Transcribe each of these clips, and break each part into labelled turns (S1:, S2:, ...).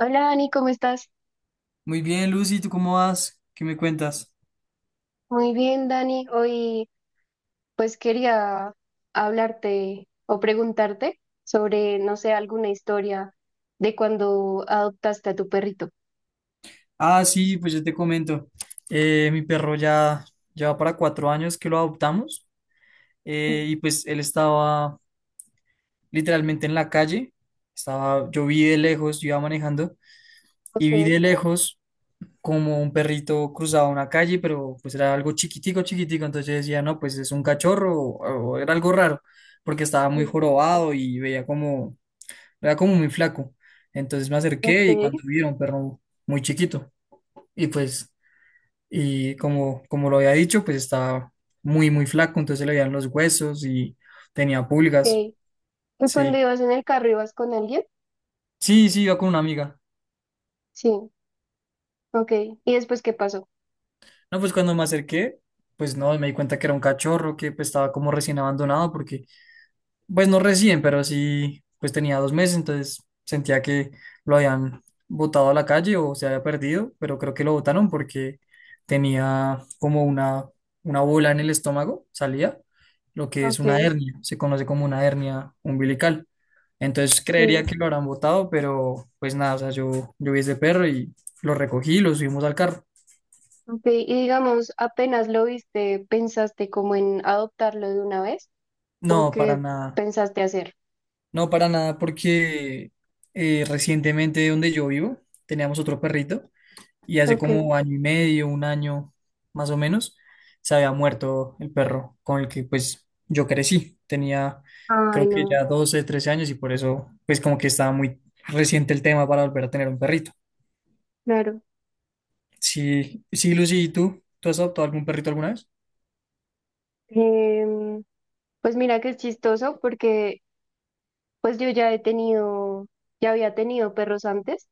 S1: Hola Dani, ¿cómo estás?
S2: Muy bien, Lucy, ¿tú cómo vas? ¿Qué me cuentas?
S1: Muy bien, Dani. Hoy quería hablarte o preguntarte sobre, no sé, alguna historia de cuando adoptaste a tu perrito.
S2: Ah, sí, pues yo te comento. Mi perro ya lleva para 4 años que lo adoptamos
S1: Mm.
S2: y pues él estaba literalmente en la calle. Yo vi de lejos, yo iba manejando y
S1: Ok,
S2: vi de lejos como un perrito cruzaba una calle, pero pues era algo chiquitico, chiquitico. Entonces yo decía, no, pues es un cachorro o era algo raro porque estaba muy
S1: sí,
S2: jorobado y veía como era como muy flaco. Entonces me acerqué y
S1: ok,
S2: cuando vi era un perro muy chiquito. Y pues, y como lo había dicho, pues estaba muy, muy flaco, entonces se le veían los huesos y tenía pulgas.
S1: ok. ¿Y cuando
S2: Sí,
S1: ibas en el carro ibas con alguien?
S2: sí, sí, iba con una amiga.
S1: Sí, ok. ¿Y después qué pasó?
S2: No, pues cuando me acerqué, pues no, me di cuenta que era un cachorro que pues, estaba como recién abandonado porque pues no recién, pero sí, pues tenía 2 meses, entonces sentía que lo habían botado a la calle o se había perdido, pero creo que lo botaron porque tenía como una bola en el estómago, salía, lo que es
S1: Ok,
S2: una hernia, se conoce como una hernia umbilical. Entonces creería
S1: sí,
S2: que lo habrán botado, pero pues nada, o sea, yo vi ese perro y lo recogí, lo subimos al carro.
S1: ok. Y digamos, apenas lo viste, ¿pensaste como en adoptarlo de una vez? ¿O
S2: No, para
S1: qué
S2: nada,
S1: pensaste hacer?
S2: no para nada, porque recientemente donde yo vivo teníamos otro perrito. Y hace
S1: Ok.
S2: como año y medio, un año más o menos, se había muerto el perro con el que pues yo crecí. Tenía
S1: Ay,
S2: creo que
S1: no,
S2: ya 12 13 años y por eso pues como que estaba muy reciente el tema para volver a tener un perrito.
S1: claro.
S2: Sí, sí, Lucy, ¿y tú? ¿Tú has adoptado algún perrito alguna vez?
S1: Em, pues mira que es chistoso porque pues yo ya he tenido, ya había tenido perros antes,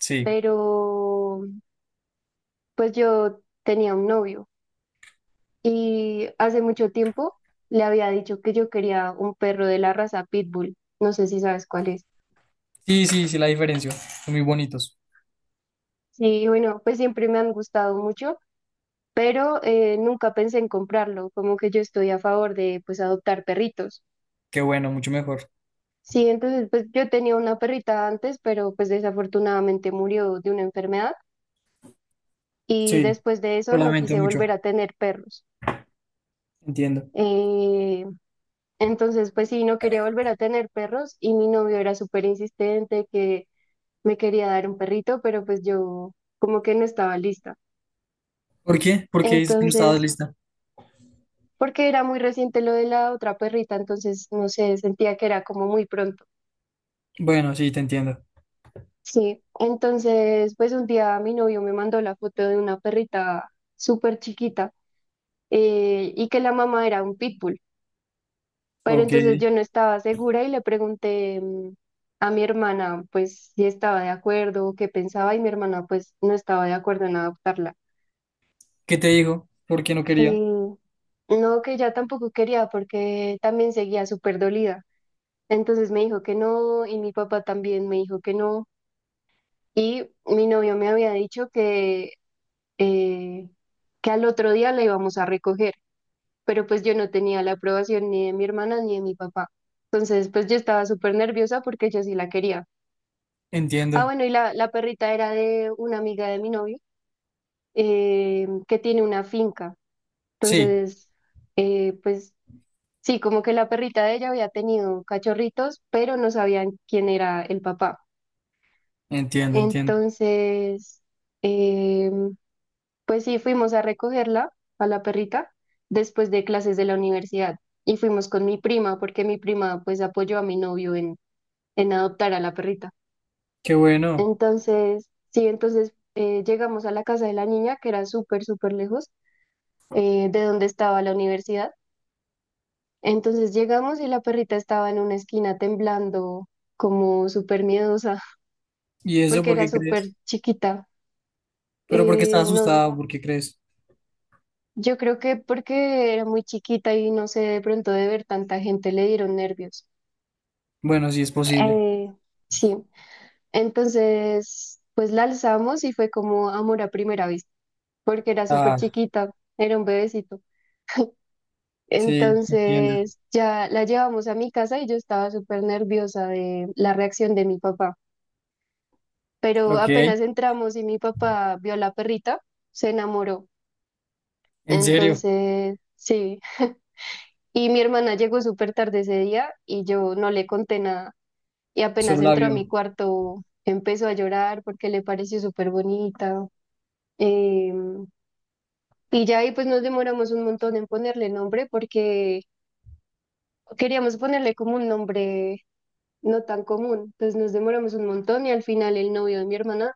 S2: Sí.
S1: pero pues yo tenía un novio y hace mucho tiempo le había dicho que yo quería un perro de la raza Pitbull. No sé si sabes cuál es.
S2: Sí, sí, sí, la diferencia. Son muy bonitos.
S1: Sí, bueno, pues siempre me han gustado mucho, pero nunca pensé en comprarlo, como que yo estoy a favor de pues adoptar perritos.
S2: Qué bueno, mucho mejor.
S1: Sí, entonces pues yo tenía una perrita antes, pero pues desafortunadamente murió de una enfermedad. Y
S2: Sí,
S1: después de eso
S2: lo
S1: no
S2: lamento
S1: quise
S2: mucho.
S1: volver a tener perros.
S2: Entiendo.
S1: Eh, entonces, pues sí, no quería volver a tener perros y mi novio era súper insistente que me quería dar un perrito, pero pues yo como que no estaba lista.
S2: ¿Por qué? ¿Por qué dices que no estabas
S1: Entonces,
S2: lista?
S1: porque era muy reciente lo de la otra perrita, entonces, no sé, sentía que era como muy pronto.
S2: Bueno, sí, te entiendo.
S1: Sí, entonces, pues un día mi novio me mandó la foto de una perrita súper chiquita, y que la mamá era un pitbull. Pero
S2: Ok.
S1: entonces yo no estaba segura y le pregunté, a mi hermana, pues, si estaba de acuerdo o qué pensaba, y mi hermana, pues, no estaba de acuerdo en adoptarla.
S2: ¿Qué te dijo? ¿Por qué no
S1: Y
S2: quería?
S1: no, que ya tampoco quería porque también seguía súper dolida. Entonces me dijo que no, y mi papá también me dijo que no. Y mi novio me había dicho eh, que al otro día la íbamos a recoger, pero pues yo no tenía la aprobación ni de mi hermana ni de mi papá. Entonces, pues yo estaba súper nerviosa porque yo sí la quería. Ah,
S2: Entiendo.
S1: bueno, y la perrita era de una amiga de mi novio que tiene una finca.
S2: Sí,
S1: Entonces, pues sí, como que la perrita de ella había tenido cachorritos, pero no sabían quién era el papá.
S2: entiendo, entiendo.
S1: Entonces, eh, pues sí, fuimos a recogerla, a la perrita, después de clases de la universidad. Y fuimos con mi prima, porque mi prima pues apoyó a mi novio en adoptar a la perrita.
S2: Qué bueno.
S1: Entonces, sí, entonces llegamos a la casa de la niña, que era súper, súper lejos de donde estaba la universidad. Entonces llegamos y la perrita estaba en una esquina temblando, como súper miedosa.
S2: ¿Y eso
S1: Porque
S2: por
S1: era
S2: qué
S1: súper
S2: crees?
S1: chiquita.
S2: Pero porque estás
S1: No,
S2: asustado, ¿por qué crees?
S1: yo creo que porque era muy chiquita y no sé, de pronto de ver tanta gente le dieron nervios.
S2: Bueno, sí es posible.
S1: Eh, sí, entonces, pues la alzamos y fue como amor a primera vista, porque era súper
S2: Ah,
S1: chiquita, era un bebecito.
S2: sí, entiendo.
S1: Entonces ya la llevamos a mi casa y yo estaba súper nerviosa de la reacción de mi papá. Pero
S2: Ok,
S1: apenas entramos y mi papá vio a la perrita, se enamoró.
S2: en serio,
S1: Entonces, sí. Y mi hermana llegó súper tarde ese día y yo no le conté nada. Y apenas
S2: solo la
S1: entró a mi
S2: vio.
S1: cuarto, empezó a llorar porque le pareció súper bonita. Em, y ya ahí pues nos demoramos un montón en ponerle nombre porque queríamos ponerle como un nombre no tan común. Entonces nos demoramos un montón y al final el novio de mi hermana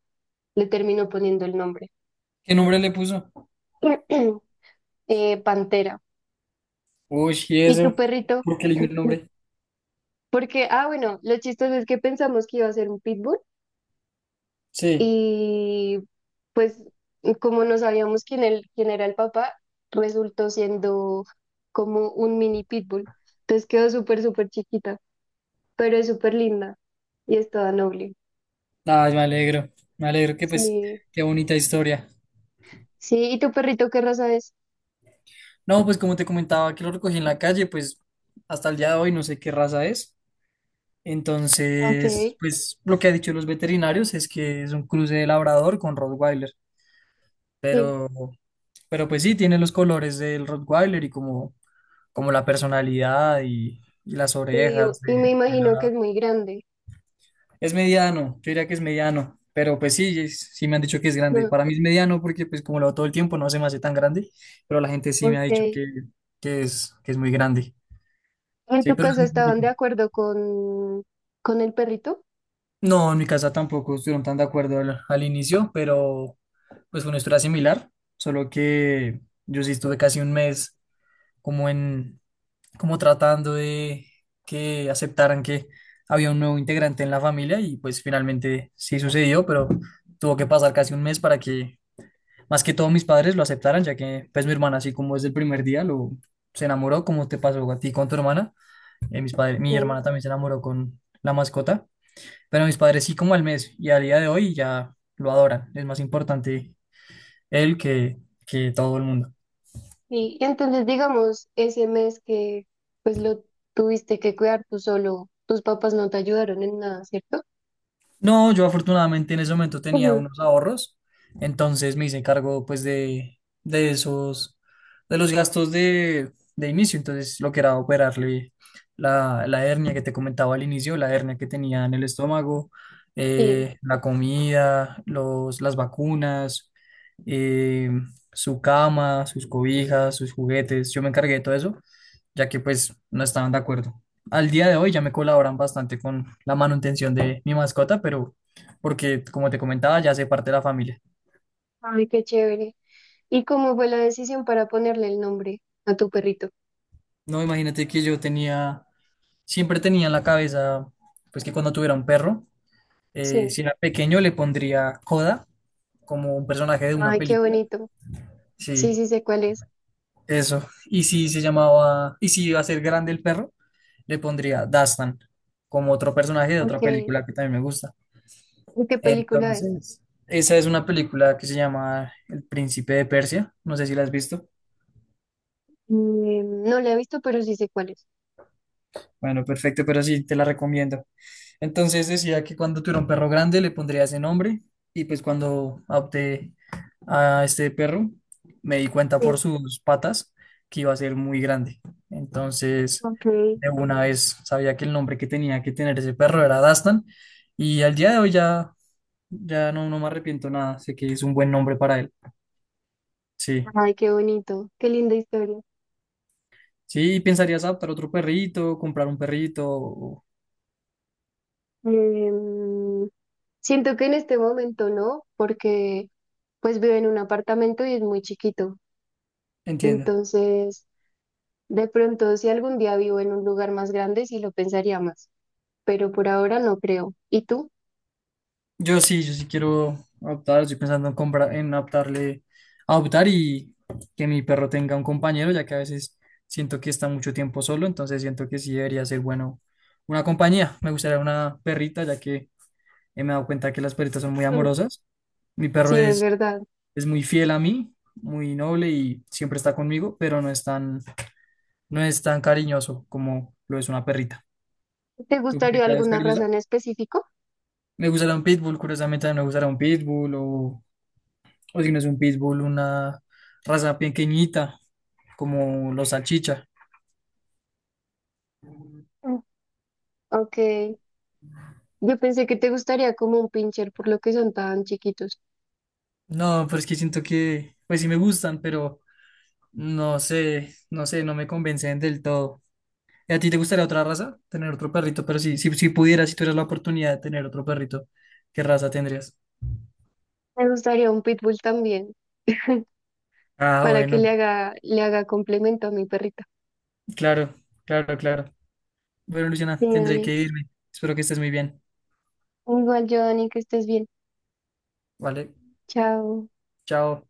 S1: le terminó poniendo el nombre.
S2: ¿Qué nombre le puso?
S1: Pantera.
S2: Uy, ¿y
S1: ¿Y tu
S2: eso?
S1: perrito?
S2: ¿Por qué eligió el nombre?
S1: Porque, ah, bueno, lo chistoso es que pensamos que iba a ser un pitbull
S2: Sí.
S1: y pues como no sabíamos quién, el, quién era el papá, resultó siendo como un mini pitbull. Entonces quedó súper, súper chiquita, pero es súper linda y es toda noble.
S2: Ay, me alegro. Me alegro que pues,
S1: Sí,
S2: qué bonita historia.
S1: sí, ¿y tu perrito qué raza es?
S2: No, pues como te comentaba que lo recogí en la calle, pues hasta el día de hoy no sé qué raza es.
S1: Ok,
S2: Entonces, pues lo que han dicho los veterinarios es que es un cruce de labrador con Rottweiler,
S1: sí.
S2: pero, pero pues sí, tiene los colores del Rottweiler y como la personalidad y las
S1: Sí, o-
S2: orejas
S1: y me
S2: del
S1: imagino que es
S2: labrador.
S1: muy grande.
S2: Es mediano, yo diría que es mediano, pero pues sí, sí me han dicho que es grande.
S1: No,
S2: Para mí es mediano porque pues como lo hago todo el tiempo no se me hace tan grande, pero la gente sí me ha
S1: ok.
S2: dicho que es muy grande.
S1: ¿En
S2: Sí,
S1: tu
S2: pero es
S1: casa
S2: muy
S1: estaban
S2: bonito.
S1: de acuerdo con el perrito?
S2: No, en mi casa tampoco estuvieron tan de acuerdo al inicio, pero pues fue una historia similar, solo que yo sí estuve casi un mes como en, como tratando de que aceptaran que había un nuevo integrante en la familia y pues finalmente sí sucedió, pero tuvo que pasar casi un mes para que más que todo mis padres lo aceptaran, ya que pues mi hermana así como desde el primer día lo se enamoró, como te pasó a ti con tu hermana, mi
S1: Ok.
S2: hermana también se enamoró con la mascota. Pero mis padres sí como al mes y a día de hoy ya lo adoran. Es más importante él que todo el mundo.
S1: Y entonces, digamos, ese mes que pues lo tuviste que cuidar tú solo, tus papás no te ayudaron en nada, ¿cierto?
S2: No, yo afortunadamente en ese momento tenía
S1: Ujú.
S2: unos ahorros, entonces me hice cargo pues de esos, de los gastos de inicio, entonces lo que era operarle la hernia que te comentaba al inicio, la hernia que tenía en el estómago,
S1: Sí.
S2: la comida, las vacunas, eh, su cama, sus cobijas, sus juguetes, yo me encargué de todo eso, ya que pues no estaban de acuerdo al día de hoy ya me colaboran bastante con la manutención de mi mascota, pero porque, como te comentaba, ya hace parte de la familia.
S1: Ay, qué chévere. ¿Y cómo fue la decisión para ponerle el nombre a tu perrito?
S2: No, imagínate que siempre tenía en la cabeza, pues que cuando tuviera un perro,
S1: Sí.
S2: si era pequeño le pondría Coda como un personaje de una
S1: Ay, qué
S2: película.
S1: bonito. Sí, sí
S2: Sí,
S1: sé cuál es.
S2: eso. Y si iba a ser grande el perro, le pondría Dastan como otro personaje de
S1: Ok.
S2: otra
S1: ¿Y
S2: película que también me gusta.
S1: qué película es?
S2: Entonces, esa es una película que se llama El Príncipe de Persia. No sé si la has visto.
S1: Mm, no la he visto, pero sí sé cuál es.
S2: Bueno, perfecto, pero sí, te la recomiendo. Entonces decía que cuando tuviera un perro grande le pondría ese nombre y pues cuando adopté a este perro me di cuenta por
S1: Sí.
S2: sus patas que iba a ser muy grande. Entonces,
S1: Ok.
S2: de una vez sabía que el nombre que tenía que tener ese perro era Dastan y al día de hoy ya no me arrepiento nada. Sé que es un buen nombre para él. Sí.
S1: Ay, qué bonito, qué linda historia.
S2: Sí, pensarías adoptar otro perrito, comprar un perrito.
S1: Em, Siento que en este momento no, porque pues vivo en un apartamento y es muy chiquito.
S2: Entiendo.
S1: Entonces, de pronto si algún día vivo en un lugar más grande, sí lo pensaría más, pero por ahora no creo. ¿Y tú?
S2: Yo sí, yo sí quiero adoptar, estoy pensando en comprar, en adoptarle, adoptar y que mi perro tenga un compañero, ya que a veces siento que está mucho tiempo solo, entonces siento que sí debería ser bueno una compañía. Me gustaría una perrita, ya que me he dado cuenta que las perritas son muy
S1: Mm.
S2: amorosas. Mi perro
S1: Sí, es
S2: es,
S1: verdad.
S2: es muy fiel a mí, muy noble y siempre está conmigo, pero no es tan cariñoso como lo es una perrita.
S1: ¿Te
S2: ¿Tu
S1: gustaría
S2: perrita es
S1: alguna raza
S2: cariñosa?
S1: en específico?
S2: Me gustará un pitbull, curiosamente también me gustará un pitbull o si no es un pitbull, una raza pequeñita como los salchicha.
S1: Mm. Ok, yo pensé que te gustaría como un pincher por lo que son tan chiquitos.
S2: No, pero es que siento que, pues sí me gustan, pero no sé, no sé, no me convencen del todo. ¿Y a ti te gustaría otra raza? Tener otro perrito, pero sí, si pudieras, si tuvieras la oportunidad de tener otro perrito, ¿qué raza tendrías?
S1: Me gustaría un pitbull también,
S2: Ah,
S1: para que
S2: bueno,
S1: le haga complemento a mi perrita.
S2: claro, claro, claro. Bueno, Luciana,
S1: Sí,
S2: tendré
S1: Dani.
S2: que irme. Espero que estés muy bien.
S1: Igual yo, Dani, que estés bien.
S2: Vale,
S1: Chao.
S2: chao.